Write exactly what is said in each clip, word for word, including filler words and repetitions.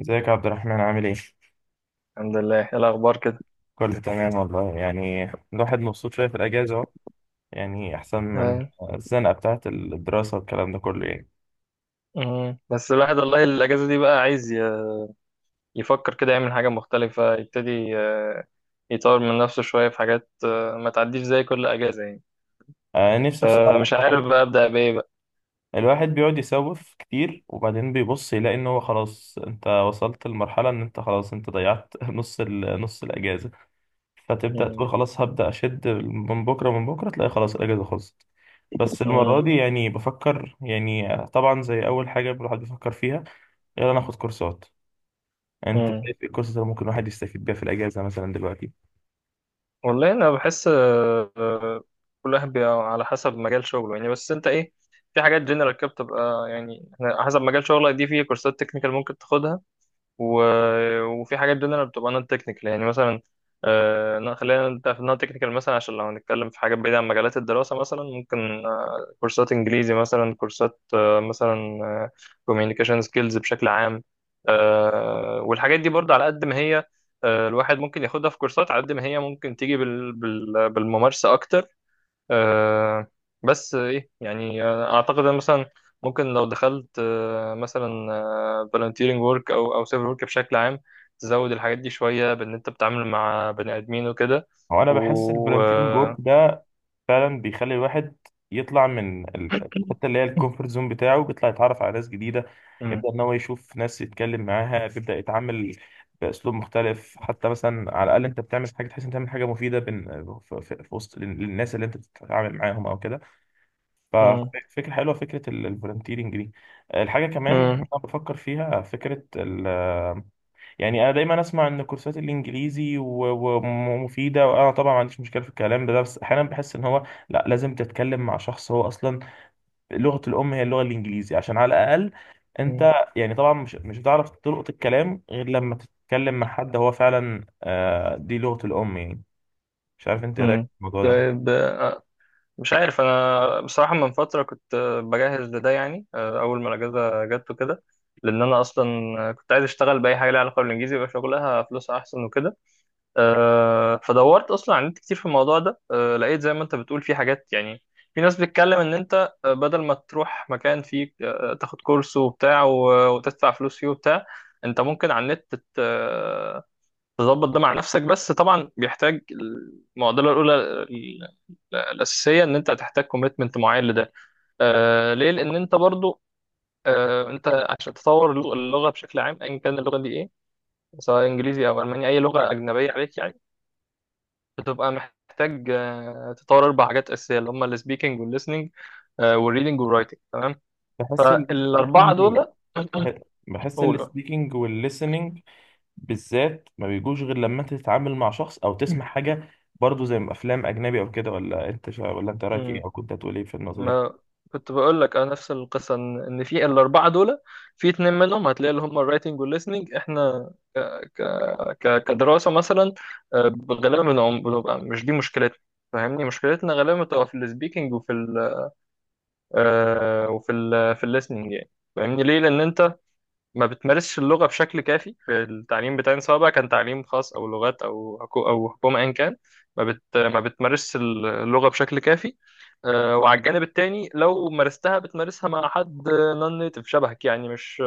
ازيك يا عبد الرحمن عامل ايه؟ الحمد لله، ايه الاخبار كده؟ كله تمام والله، يعني الواحد مبسوط شوية في الأجازة أهو، يعني أحسن من آه. الزنقة بتاعة الدراسة والكلام ده كله يعني. مم. بس الواحد والله الاجازه دي بقى عايز ي- يفكر كده، يعمل حاجه مختلفه، يبتدي آه، يطور من نفسه شويه في حاجات، آه، ما تعديش زي كل اجازه يعني. آه، نفسي بصراحة. فمش الواحد عارف بقى ابدا بايه بقى. الواحد بيقعد يسوف كتير، وبعدين بيبص يلاقي إن هو خلاص، أنت وصلت لمرحلة إن أنت خلاص أنت ضيعت نص ال... نص الأجازة. فتبدأ تقول مم. خلاص، هبدأ أشد من بكرة، من بكرة تلاقي خلاص الأجازة خلصت. بس مم. المرة دي يعني بفكر، يعني طبعا زي أول حاجة الواحد بيفكر فيها، يلا ناخد كورسات. انت مم. شايف ايه القصص اللي ممكن الواحد يستفيد بيها في الاجازه مثلا دلوقتي؟ والله انا بحس، آه، آه، كل واحد بيبقى على حسب مجال شغله يعني، بس انت ايه؟ في حاجات جنرال كده بتبقى يعني على حسب مجال شغلك، دي في كورسات تكنيكال ممكن تاخدها و... وفي حاجات دول انا بتبقى نون تكنيكال يعني مثلا. آه... لا، خلينا نبدا في النون تكنيكال مثلا، عشان لو هنتكلم في حاجات بعيده عن مجالات الدراسه، مثلا ممكن آه... كورسات انجليزي، مثلا كورسات آه... مثلا كوميونيكيشن سكيلز بشكل عام. آه... والحاجات دي برضه على قد ما هي، آه... الواحد ممكن ياخدها في كورسات، على قد ما هي ممكن تيجي بال... بال... بالممارسه اكتر. آه بس ايه يعني، آه، اعتقد ان مثلا ممكن لو دخلت آه مثلا آه فالنتيرنج ورك او او سيفل ورك بشكل عام، تزود الحاجات دي شويه بان انت بتتعامل مع بني ادمين وكده. هو انا بحس و الفولنتيرنج ورك آه، ده فعلا بيخلي الواحد يطلع من ال- الحته اللي هي الكومفورت زون بتاعه، بيطلع يتعرف على ناس جديده، مم. يبدا ان هو يشوف ناس يتكلم معاها، بيبدا يتعامل باسلوب مختلف، حتى مثلا على الاقل انت بتعمل حاجه، تحس انت بتعمل حاجه مفيده بين في, في في وسط الناس اللي انت بتتعامل معاهم او كده. مم. ففكره حلوه، فكره الفولنتيرنج دي. الحاجه كمان مم. انا بفكر فيها فكره، يعني انا دايما اسمع ان كورسات الانجليزي و- ومفيده، وانا طبعا ما عنديش مشكله في الكلام ده، بس احيانا بحس ان هو لا، لازم تتكلم مع شخص هو اصلا لغه الام هي اللغه الانجليزي، عشان على الاقل مم. انت، يعني طبعا مش مش هتعرف تلقط الكلام غير لما تتكلم مع حد هو فعلا، آه، دي لغه الام يعني. مش عارف انت ايه رايك مم. في الموضوع ده؟ طيب، مش عارف، انا بصراحه من فتره كنت بجهز لده يعني، آه، اول ما الاجازه جت وكده، لان انا اصلا كنت عايز اشتغل باي حاجه ليها علاقه بالانجليزي، يبقى شغلها فلوسها احسن وكده. آه، فدورت اصلا على النت كتير في الموضوع ده. آه، لقيت زي ما انت بتقول في حاجات يعني، في ناس بتتكلم ان انت آه، بدل ما تروح مكان فيه آه، تاخد كورس وبتاع و- وتدفع فلوس فيه وبتاع، انت ممكن على النت تت- آه، تظبط ده مع نفسك، بس طبعا بيحتاج. المعضله الاولى ال- الاساسيه ان انت هتحتاج كوميتمنت معين لده. آه، ليه؟ لان انت برضو، آه، انت عشان تطور اللغه بشكل عام ايا كان اللغه دي ايه، سواء انجليزي او الماني اي لغه اجنبيه عليك يعني، بتبقى محتاج آه، تطور اربع حاجات اساسيه اللي هم السبيكنج والليسننج والريدنج والرايتنج، تمام؟ بحس فالاربعه السبيكينج، دول بحس قولوا. السبيكينج والlistening بالذات ما بيجوش غير لما انت تتعامل مع شخص او تسمع حاجه، برضه زي ما افلام اجنبي او كده. ولا انت شا... ولا انت رايك ايه، امم او كنت هتقول ايه في النقطه دي؟ ما كنت بقول لك، انا نفس القصه ان إن في الاربعه دول، في اتنين منهم هتلاقي اللي هم الرايتنج والليسننج، احنا ك... ك... ك... كدراسه مثلا، آه، غالبا بنعم- بنبقى مش دي مشكلتنا، فاهمني؟ مشكلتنا غالبا بتبقى في السبيكنج وفي ال... آه، وفي ال... في الليسننج يعني. فاهمني؟ ليه؟ لان انت ما بتمارسش اللغة بشكل كافي في التعليم بتاعنا، سواء بقى كان تعليم خاص أو لغات أو حكو أو حكومة، أيا كان. ما بت ما بتمارسش اللغة بشكل كافي. آه، وعلى الجانب التاني، لو مارستها بتمارسها مع حد نون نيتف شبهك، يعني مش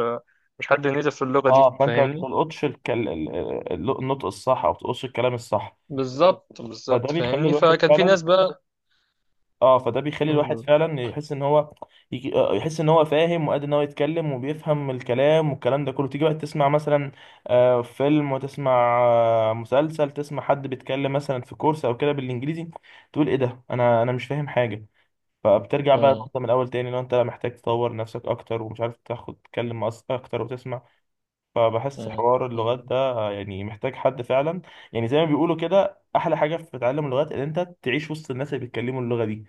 مش حد نيتف في اللغة اه، دي، فانت ما فاهمني؟ تلقطش الكل... ال- ال- النطق الصح، او ما تلقطش الكلام الصح. بالظبط، فده بالظبط، بيخلي فاهمني؟ الواحد فكان في فعلا، ناس بقى. اه، فده بيخلي الواحد مم. فعلا يحس ان هو يجي... آه، يحس ان هو فاهم، وقادر ان هو يتكلم وبيفهم الكلام والكلام ده كله. تيجي بقى تسمع مثلا آه فيلم، وتسمع آه مسلسل، تسمع حد بيتكلم مثلا في كورس او كده بالانجليزي، تقول ايه ده؟ انا انا مش فاهم حاجه. فبترجع بقى مم. انت من الاول تاني، لو انت محتاج تطور نفسك اكتر ومش عارف تاخد تتكلم أص- اكتر وتسمع. فبحس حوار اللغات ده يعني محتاج حد فعلا، يعني زي ما بيقولوا كده، احلى حاجه في تعلم اللغات ان انت تعيش وسط الناس اللي بيتكلموا اللغه دي.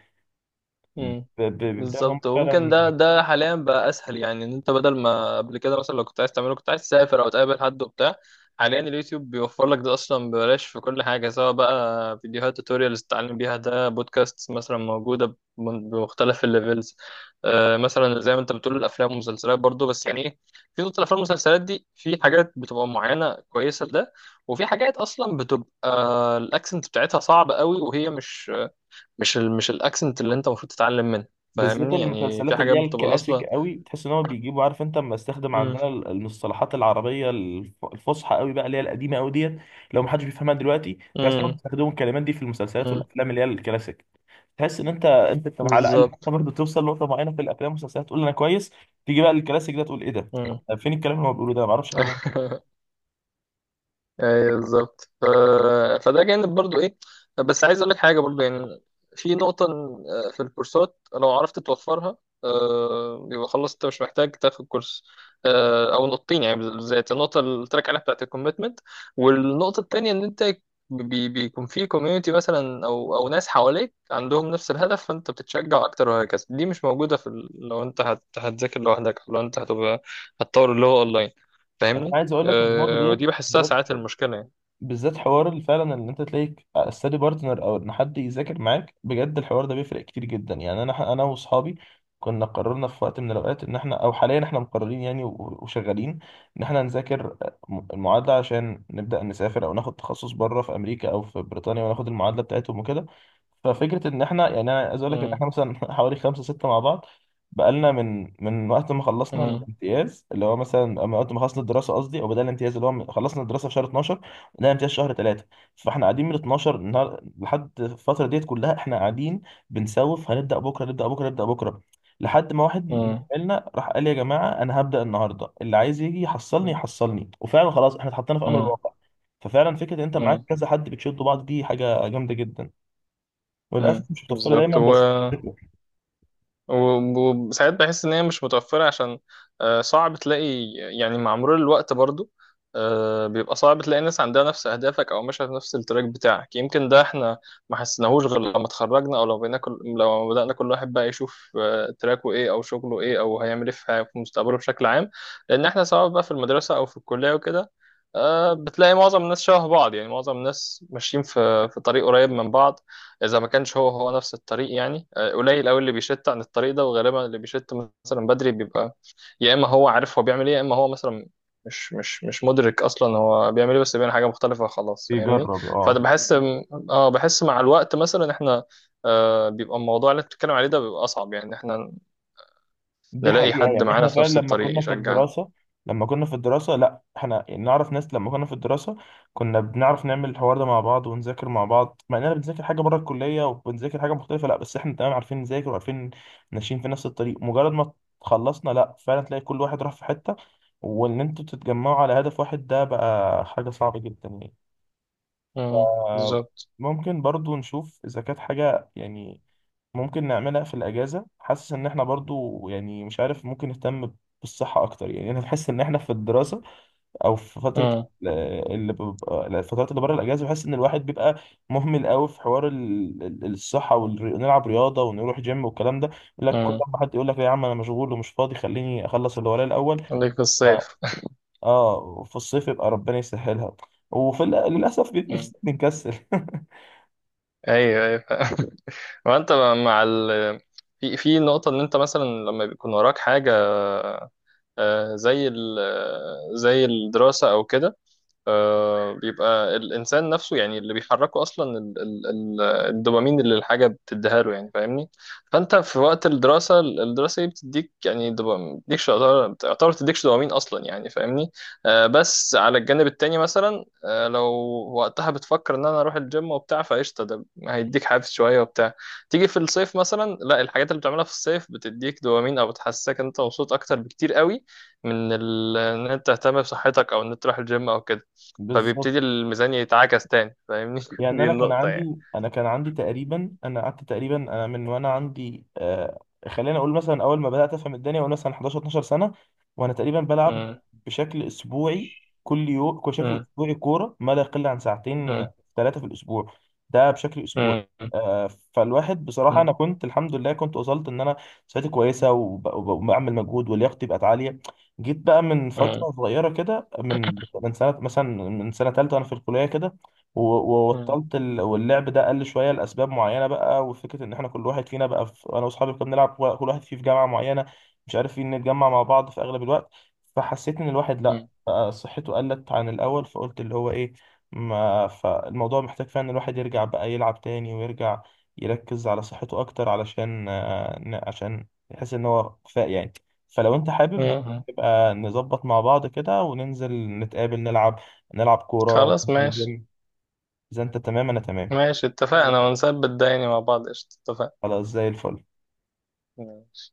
مم. ب- ب- بيبدأ إن هم بالظبط، وممكن فعلا ده ده حاليا بقى اسهل، يعني ان انت بدل ما قبل كده مثلا، لو كنت عايز تعمله كنت عايز تسافر او تقابل حد وبتاع، حاليا اليوتيوب بيوفر لك ده اصلا ببلاش في كل حاجه، سواء بقى فيديوهات توتوريالز تتعلم بيها، ده بودكاست مثلا موجوده بم- بمختلف الليفلز. آه مثلا زي ما انت بتقول الافلام والمسلسلات برضو، بس يعني ايه؟ في نقطه، الافلام والمسلسلات دي في حاجات بتبقى معينه كويسه لده، وفي حاجات اصلا بتبقى الاكسنت بتاعتها صعب قوي وهي مش مش ال... مش الاكسنت اللي انت المفروض تتعلم منه، بالذات فاهمني؟ يعني في المسلسلات اللي حاجات هي بتبقى الكلاسيك اصلا. قوي، بتحس ان هو بيجيبوا، عارف انت لما استخدم امم. عندنا ال- المصطلحات العربيه الف- الفصحى قوي بقى، اللي هي القديمه قوي ديت، لو ما حدش بيفهمها دلوقتي. بحس انهم امم. بيستخدموا الكلمات دي في المسلسلات امم. والافلام اللي هي الكلاسيك، تحس ان انت انت انت على الاقل حتى بالظبط. برضه توصل لنقطه معينه في الافلام والمسلسلات، تقول انا كويس، تيجي بقى الكلاسيك ده تقول ايه ده؟ امم. فين الكلام اللي هو بيقوله ده؟ ما اعرفش حاجه. ايوه، بالظبط. ف... فده جانب برضو، ايه؟ بس عايز اقول لك حاجه برضو يعني، في نقطه إن- آه، في الكورسات لو عرفت توفرها، آه، يبقى خلاص انت مش محتاج تاخد كورس. آه، او نقطتين يعني، بالذات النقطه اللي قلت لك عليها بتاعت الكوميتمنت، والنقطه التانيه ان انت بي بيكون في كوميونتي مثلا، او او ناس حواليك عندهم نفس الهدف، فانت بتتشجع اكتر وهكذا. دي مش موجوده في ال... لو انت هت... هتذاكر لوحدك، او لو انت هتبقى هتطور اللي هو اونلاين، انا فاهمني؟ عايز اقول لك ان النقطه أه ديت ودي بحسها بالذات، ساعات المشكلة يعني. بالذات حوار اللي فعلا ان انت تلاقيك استادي بارتنر، او ان حد يذاكر معاك بجد، الحوار ده بيفرق كتير جدا يعني. انا انا واصحابي كنا قررنا في وقت من الاوقات ان احنا، او حاليا احنا مقررين يعني و- وشغالين، ان احنا نذاكر المعادله عشان نبدا نسافر، او ناخد تخصص بره في امريكا او في بريطانيا، وناخد المعادله بتاعتهم وكده. ففكره ان احنا يعني، انا عايز اقول لك ان مم. احنا مثلا حوالي خمسه سته مع بعض، بقالنا من من وقت ما خلصنا مم. الامتياز، اللي هو مثلا من وقت ما خلصنا الدراسه قصدي، او بدأنا الامتياز اللي هو من- خلصنا الدراسه في شهر اتناشر. لا، امتياز شهر ثلاثة. فاحنا قاعدين من اتناشر النهار لحد الفترة ديت كلها، احنا قاعدين بنسوف، هنبدأ بكرة نبدأ بكرة نبدأ بكرة، لحد ما واحد من مم. زمايلنا راح قال يا جماعة، أنا هبدأ النهاردة، اللي عايز يجي يحصلني مم. يحصلني. وفعلا خلاص احنا اتحطينا في أمر الواقع. ففعلا فكرة إن أنت معاك مم. كذا حد بتشدوا بعض دي حاجة جامدة جدا، مم. وللأسف مش متوفرة بالظبط دايما. هو، بس و- وساعات بحس ان هي مش متوفره، عشان آه، صعب تلاقي يعني مع مرور الوقت برضو، آه، بيبقى صعب تلاقي ناس عندها نفس اهدافك او ماشيه في نفس التراك بتاعك. يمكن ده احنا ما حسناهوش غير لما اتخرجنا، او لو بقينا كل لو بدانا كل واحد بقى يشوف آه، تراكه ايه، او شغله ايه، او هيعمل ايه في حياته- في مستقبله بشكل عام. لان احنا سواء بقى في المدرسه او في الكليه وكده، آه، بتلاقي معظم الناس شبه بعض، يعني معظم الناس ماشيين في في طريق قريب من بعض، اذا ما كانش هو هو نفس الطريق يعني. قليل قوي اللي بيشت عن الطريق ده، وغالبا اللي بيشت مثلا بدري بيبقى، يا اما هو عارف هو بيعمل ايه، يا اما هو مثلا مش مش مش مدرك اصلا هو بيعمل ايه، بس بيعمل حاجه مختلفه خلاص، فاهمني؟ بيجرب، فده اه، بحس اه بحس مع الوقت مثلا احنا، آه بيبقى الموضوع اللي انت بتتكلم عليه ده بيبقى اصعب، يعني احنا دي نلاقي حقيقة حد يعني. معانا احنا في فعلا نفس لما الطريق كنا في يشجعنا. الدراسة لما كنا في الدراسة لا، احنا نعرف ناس، لما كنا في الدراسة كنا بنعرف نعمل الحوار ده مع بعض، ونذاكر مع بعض، مع اننا بنذاكر حاجة بره الكلية وبنذاكر حاجة مختلفة، لا بس احنا تمام، عارفين نذاكر وعارفين ماشيين في نفس الطريق. مجرد ما خلصنا، لا فعلا تلاقي كل واحد راح في حتة، وان انتوا تتجمعوا على هدف واحد ده بقى حاجة صعبة جدا يعني. امم، ف- بالظبط. ممكن برضو نشوف اذا كانت حاجة يعني ممكن نعملها في الأجازة، حاسس إن إحنا برضو يعني مش عارف، ممكن نهتم بالصحة أكتر. يعني أنا بحس إن إحنا في الدراسة أو في فترة امم. ال- اللي ببقى، الفترات اللي بره الأجازة، بحس إن الواحد بيبقى مهمل قوي في حوار ال- ال- الصحة، ونلعب رياضة ونروح جيم والكلام ده. يقول لك كل امم. ما حد يقول لك لا يا عم، أنا مشغول ومش فاضي، خليني أخلص اللي ورايا الأول. عليك آه. الصيف. آه، في الصيف يبقى ربنا يسهلها، وفي ال- للأسف بيجي في مم. الصيف بنكسل ايوه، ايوه. وانت مع ال في في نقطة إن أنت مثلا لما بيكون وراك حاجة، آه، زي ال- آه، زي الدراسة أو كده، آه، بيبقى الإنسان نفسه يعني اللي بيحركه أصلا ال- ال- ال- الدوبامين اللي الحاجة بتديها له، يعني فاهمني؟ فأنت في وقت الدراسة، الدراسة دي بتديك يعني دوبامين، بتديكش، يعتبر تعتبر بتديكش دوبامين أصلا يعني، فاهمني؟ آه، بس على الجانب التاني مثلا، آه، لو وقتها بتفكر إن أنا أروح الجيم وبتاع، فقشطة ده هيديك حافز شوية وبتاع. تيجي في الصيف مثلا، لا، الحاجات اللي بتعملها في الصيف بتديك دوبامين أو بتحسسك إن أنت مبسوط أكتر بكتير قوي من ال- إن أنت تهتم بصحتك أو إن أنت تروح الجيم أو كده، بالظبط. فبيبتدي الميزان يتعكس تاني، فاهمني؟ يعني دي انا كان النقطة يعني. عندي انا كان عندي تقريبا، انا قعدت تقريبا، انا من وانا عندي، آه خلينا اقول مثلا اول ما بدات افهم الدنيا وانا مثلا حداشر اتناشر سنه، وانا تقريبا بلعب مم. بشكل اسبوعي، كل يوم، بشكل مم. اسبوعي كوره ما لا يقل عن ساعتين، مم. ثلاثه في الاسبوع، ده بشكل اسبوعي. مم. آه فالواحد بصراحه مم. انا كنت الحمد لله كنت وصلت ان انا صحتي كويسه، وب- وب- وبعمل مجهود، ولياقتي بقت عاليه. جيت بقى من مم. فتره صغيره كده، من من سنه مثلا، من سنه ثالثه وانا في الكليه كده و- مم. وبطلت، ال- واللعب ده قل شويه لاسباب معينه بقى. وفكره ان احنا كل واحد فينا بقى في، انا واصحابي كنا بنلعب، و- كل واحد فيه في جامعه معينه، مش عارفين نتجمع مع بعض في اغلب الوقت. فحسيت ان الواحد لا مم. بقى صحته قلت عن الاول، فقلت اللي هو ايه، ما فالموضوع محتاج فعلا ان الواحد يرجع بقى يلعب تاني، ويرجع يركز على صحته اكتر، علشان آه، ن- عشان يحس ان هو كفاء يعني. فلو انت حابب، ممكن مم. نبقى نظبط مع بعض كده وننزل نتقابل، نلعب نلعب كورة، خلاص، ننزل ماشي. الجيم. إذا أنت تمام أنا تمام. ماشي، اتفقنا ونثبت ده يعني مع بعض. قشطة، اتفقنا. خلاص زي الفل. ماشي.